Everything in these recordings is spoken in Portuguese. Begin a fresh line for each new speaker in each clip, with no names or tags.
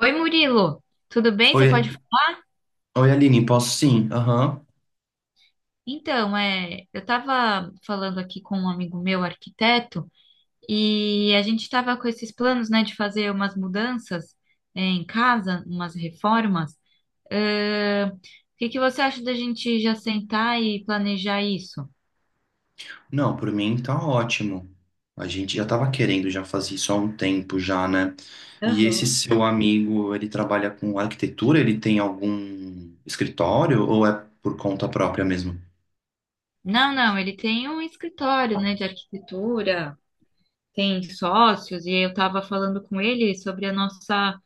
Oi, Murilo, tudo bem? Você pode.
Oi, oi, Aline, posso sim? Aham.
Então, eu estava falando aqui com um amigo meu, arquiteto, e a gente estava com esses planos, né, de fazer umas mudanças, em casa, umas reformas. O que que você acha da gente já sentar e planejar isso?
Não, por mim tá ótimo. A gente já tava querendo já fazer isso há um tempo já, né? E esse
Aham.
seu amigo, ele trabalha com arquitetura? Ele tem algum escritório ou é por conta própria mesmo?
Não, ele tem um escritório, né, de arquitetura, tem sócios, e eu estava falando com ele sobre a nossa.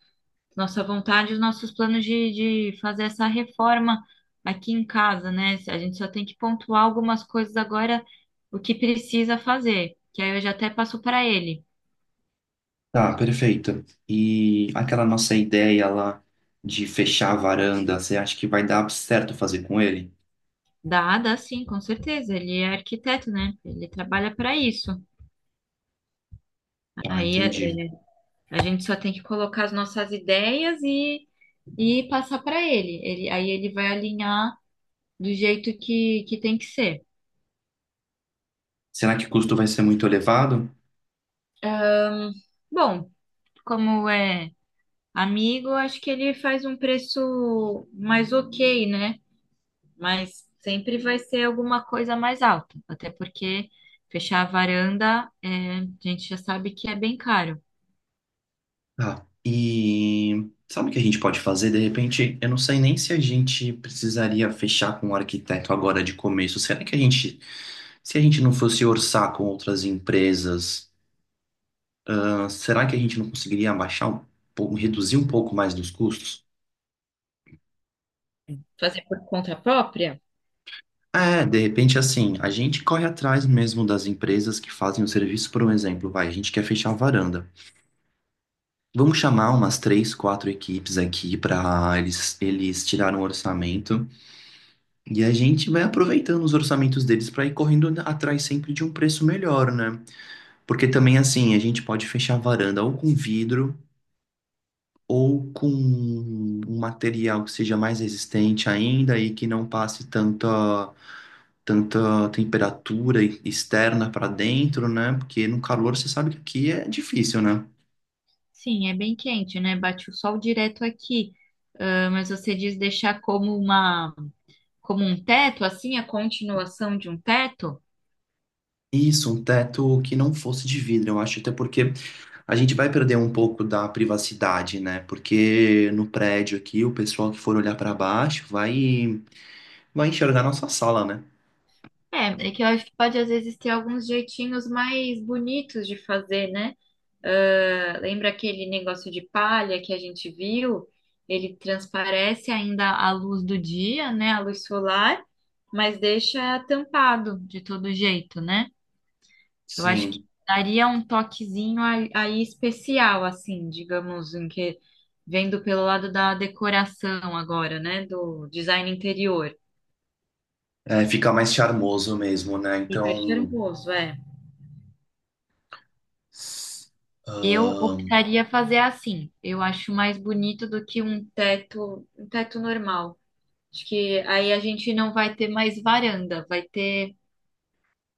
nossa vontade, os nossos planos de fazer essa reforma aqui em casa, né? A gente só tem que pontuar algumas coisas agora, o que precisa fazer, que aí eu já até passo para ele.
Tá, perfeito. E aquela nossa ideia lá de fechar a varanda, você acha que vai dar certo fazer com ele?
Dá sim, com certeza. Ele é arquiteto, né? Ele trabalha para isso.
Ah,
Aí
entendi.
a gente só tem que colocar as nossas ideias e passar para ele. Aí ele vai alinhar do jeito que tem que ser.
Será que o custo vai ser muito elevado?
Bom, como é. amigo, acho que ele faz um preço mais ok, né? Mas sempre vai ser alguma coisa mais alta, até porque fechar a varanda, a gente já sabe que é bem caro.
Tá. E sabe o que a gente pode fazer? De repente, eu não sei nem se a gente precisaria fechar com o arquiteto agora de começo. Será que a gente, se a gente não fosse orçar com outras empresas, ah, será que a gente não conseguiria abaixar um pouco, reduzir um pouco mais dos custos?
Fazer por conta própria?
É, de repente, assim, a gente corre atrás mesmo das empresas que fazem o serviço, por um exemplo, vai, a gente quer fechar a varanda. Vamos chamar umas três, quatro equipes aqui para eles, eles tirarem um orçamento. E a gente vai aproveitando os orçamentos deles para ir correndo atrás sempre de um preço melhor, né? Porque também, assim, a gente pode fechar a varanda ou com vidro ou com um material que seja mais resistente ainda e que não passe tanta, tanta temperatura externa para dentro, né? Porque no calor você sabe que aqui é difícil, né?
Sim, é bem quente, né? Bate o sol direto aqui. Ah, mas você diz deixar como como um teto, assim, a continuação de um teto?
Isso, um teto que não fosse de vidro, eu acho, até porque a gente vai perder um pouco da privacidade, né? Porque no prédio aqui, o pessoal que for olhar para baixo vai, vai enxergar nossa sala, né?
É que eu acho que pode às vezes ter alguns jeitinhos mais bonitos de fazer, né? Ah, lembra aquele negócio de palha que a gente viu? Ele transparece ainda a luz do dia, né? A luz solar, mas deixa tampado de todo jeito, né? Eu acho que
Sim,
daria um toquezinho aí especial, assim, digamos, em que vendo pelo lado da decoração agora, né? Do design interior.
é, fica mais charmoso mesmo, né?
Fica
Então,
charmoso, é. Eu
ahn,
optaria fazer assim. Eu acho mais bonito do que um teto normal. Acho que aí a gente não vai ter mais varanda, vai ter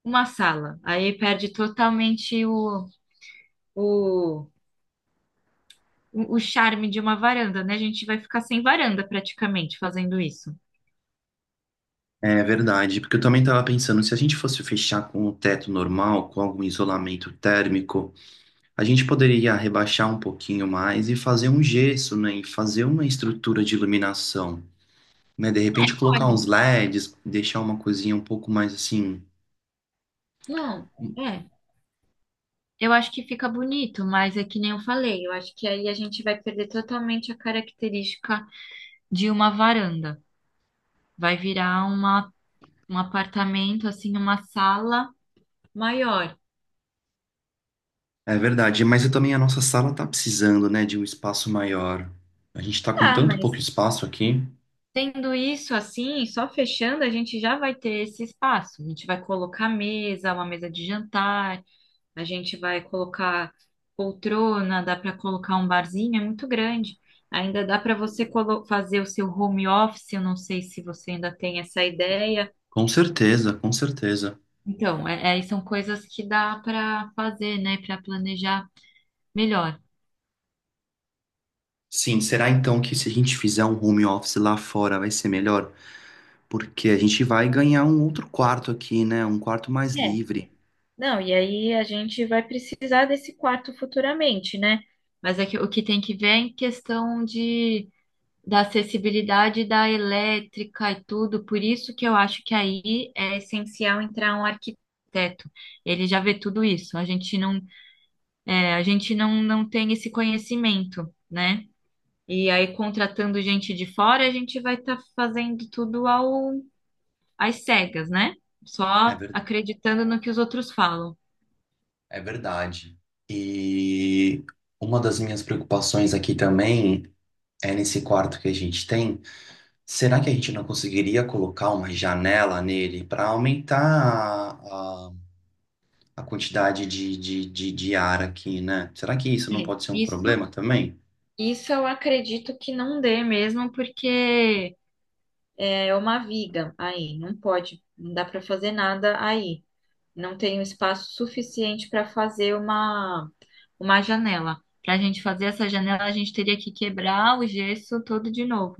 uma sala. Aí perde totalmente o, o charme de uma varanda, né? A gente vai ficar sem varanda praticamente fazendo isso.
é verdade. Porque eu também estava pensando, se a gente fosse fechar com o teto normal, com algum isolamento térmico, a gente poderia rebaixar um pouquinho mais e fazer um gesso, né? E fazer uma estrutura de iluminação. Né? De repente colocar
Olha,
uns LEDs, deixar uma coisinha um pouco mais assim.
não, é. Eu acho que fica bonito, mas é que nem eu falei, eu acho que aí a gente vai perder totalmente a característica de uma varanda. Vai virar um apartamento, assim, uma sala maior.
É verdade, mas eu também a nossa sala tá precisando, né, de um espaço maior. A gente tá com
Tá,
tanto pouco
mas
espaço aqui.
tendo isso assim, só fechando, a gente já vai ter esse espaço. A gente vai colocar mesa, uma mesa de jantar, a gente vai colocar poltrona, dá para colocar um barzinho, é muito grande. Ainda dá para você fazer o seu home office, eu não sei se você ainda tem essa ideia.
Com certeza, com certeza.
Então, são coisas que dá para fazer, né, para planejar melhor.
Sim, será então que se a gente fizer um home office lá fora vai ser melhor? Porque a gente vai ganhar um outro quarto aqui, né? Um quarto mais
É.
livre.
Não, e aí a gente vai precisar desse quarto futuramente, né? Mas é que, o que tem que ver é em questão de da acessibilidade da elétrica e tudo, por isso que eu acho que aí é essencial entrar um arquiteto. Ele já vê tudo isso. A gente não tem esse conhecimento, né? E aí, contratando gente de fora, a gente vai estar fazendo tudo às cegas, né?
É
Só
ver-
acreditando no que os outros falam.
É verdade. E uma das minhas preocupações aqui também é nesse quarto que a gente tem. Será que a gente não conseguiria colocar uma janela nele para aumentar a, a, a quantidade de ar aqui, né? Será que isso não
É,
pode ser um problema
Isso,
também?
isso eu acredito que não dê mesmo, porque é uma viga aí, não pode, não dá para fazer nada aí. Não tenho espaço suficiente para fazer uma janela. Para a gente fazer essa janela, a gente teria que quebrar o gesso todo de novo.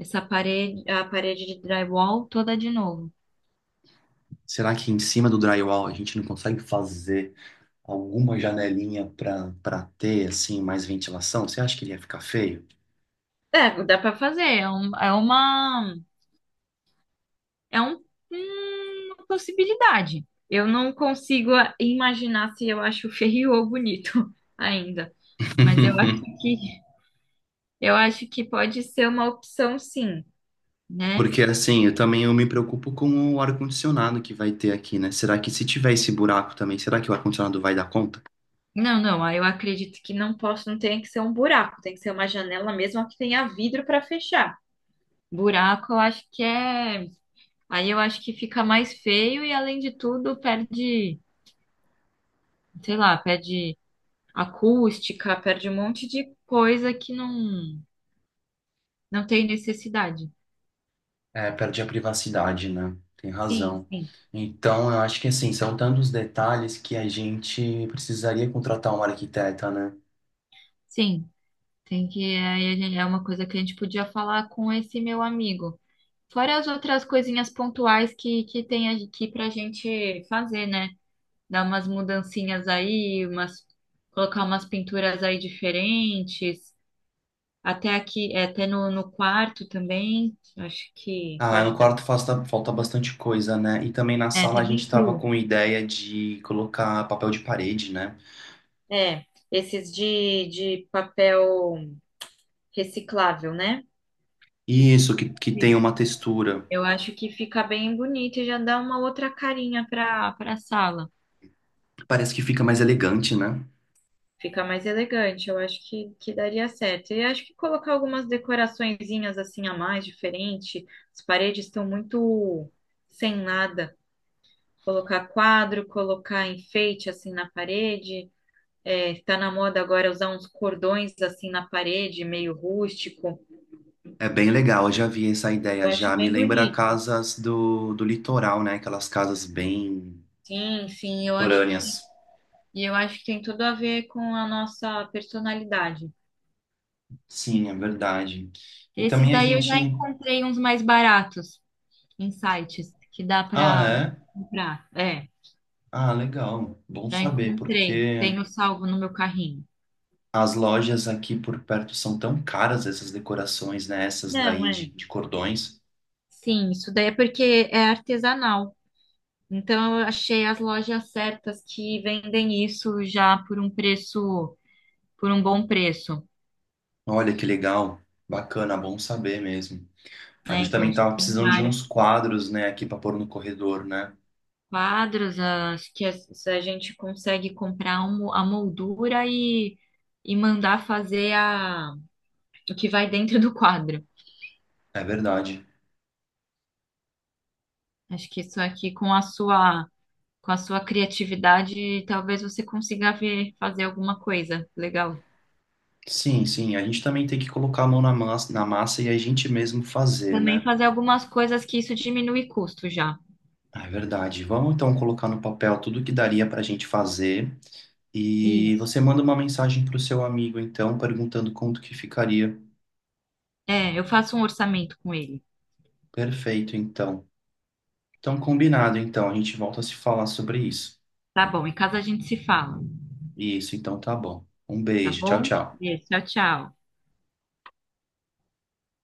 Essa parede, a parede de drywall toda de novo.
Será que em cima do drywall a gente não consegue fazer alguma janelinha para ter assim mais ventilação? Você acha que ele ia ficar feio?
É, dá para fazer, é um, uma possibilidade. Eu não consigo imaginar se eu acho feio ou bonito ainda, mas eu acho que pode ser uma opção, sim, né?
Porque assim, eu também eu me preocupo com o ar-condicionado que vai ter aqui, né? Será que se tiver esse buraco também, será que o ar-condicionado vai dar conta?
Não, não, aí eu acredito que não posso, não tem que ser um buraco, tem que ser uma janela mesmo que tenha vidro para fechar. Buraco, eu acho que é. Aí eu acho que fica mais feio e, além de tudo, perde, sei lá, perde acústica, perde um monte de coisa que não, não tem necessidade.
É, perde a privacidade, né? Tem
Sim,
razão.
sim.
Então, eu acho que assim, são tantos detalhes que a gente precisaria contratar um arquiteta, né?
Sim, tem que. É uma coisa que a gente podia falar com esse meu amigo. Fora as outras coisinhas pontuais que tem aqui pra gente fazer, né? Dar umas mudancinhas aí, umas, colocar umas pinturas aí diferentes, até aqui, até no quarto também, acho que
Ah, no
pode dar.
quarto falta bastante coisa, né? E também na
É,
sala
tá
a gente
bem
tava
cru.
com ideia de colocar papel de parede, né?
É, esses de papel reciclável, né? Que, que-
Isso, que tem
isso.
uma textura.
Eu acho que fica bem bonito e já dá uma outra carinha para a sala.
Parece que fica mais elegante, né?
Fica mais elegante, eu acho que daria certo. E acho que colocar algumas decoraçõezinhas assim a mais, diferente. As paredes estão muito sem nada. Colocar quadro, colocar enfeite assim na parede. É, tá na moda agora usar uns cordões assim na parede, meio rústico.
É bem legal, eu já vi essa ideia
Eu acho
já. Me
bem
lembra
bonito.
casas do litoral, né? Aquelas casas bem
Sim, sim, eu acho que tem,
litorâneas.
e eu acho que tem tudo a ver com a nossa personalidade.
Sim, é verdade. E
Esses
também a
daí eu já
gente.
encontrei uns mais baratos em sites que dá
Ah,
para
é?
comprar. É,
Ah, legal. Bom
já
saber,
encontrei.
porque
Tenho salvo no meu carrinho.
as lojas aqui por perto são tão caras essas decorações, né? Essas
Não,
daí de,
é.
de cordões.
Sim, isso daí é porque é artesanal. Então eu achei as lojas certas que vendem isso já por um bom preço,
Olha que legal. Bacana, bom saber mesmo. A
né?
gente
Então
também tava
tem
precisando de uns
vários
quadros, né, aqui para pôr no corredor, né?
quadros, se a gente consegue comprar a moldura e mandar fazer o que vai dentro do quadro.
É verdade.
Acho que isso aqui com a sua Com a sua criatividade, talvez você consiga ver, fazer alguma coisa legal.
Sim, sim. A gente também tem que colocar a mão na massa e a gente mesmo fazer,
Também
né?
fazer algumas coisas que isso diminui custo já.
É verdade. Vamos então colocar no papel tudo que daria para a gente fazer. E você
Isso.
manda uma mensagem para o seu amigo, então, perguntando quanto que ficaria.
É, eu faço um orçamento com ele.
Perfeito, então. Então, combinado, então. A gente volta a se falar sobre isso.
Tá bom, em casa a gente se fala.
Isso, então tá bom. Um
Tá
beijo. Tchau,
bom?
tchau.
Beijo, tchau, tchau.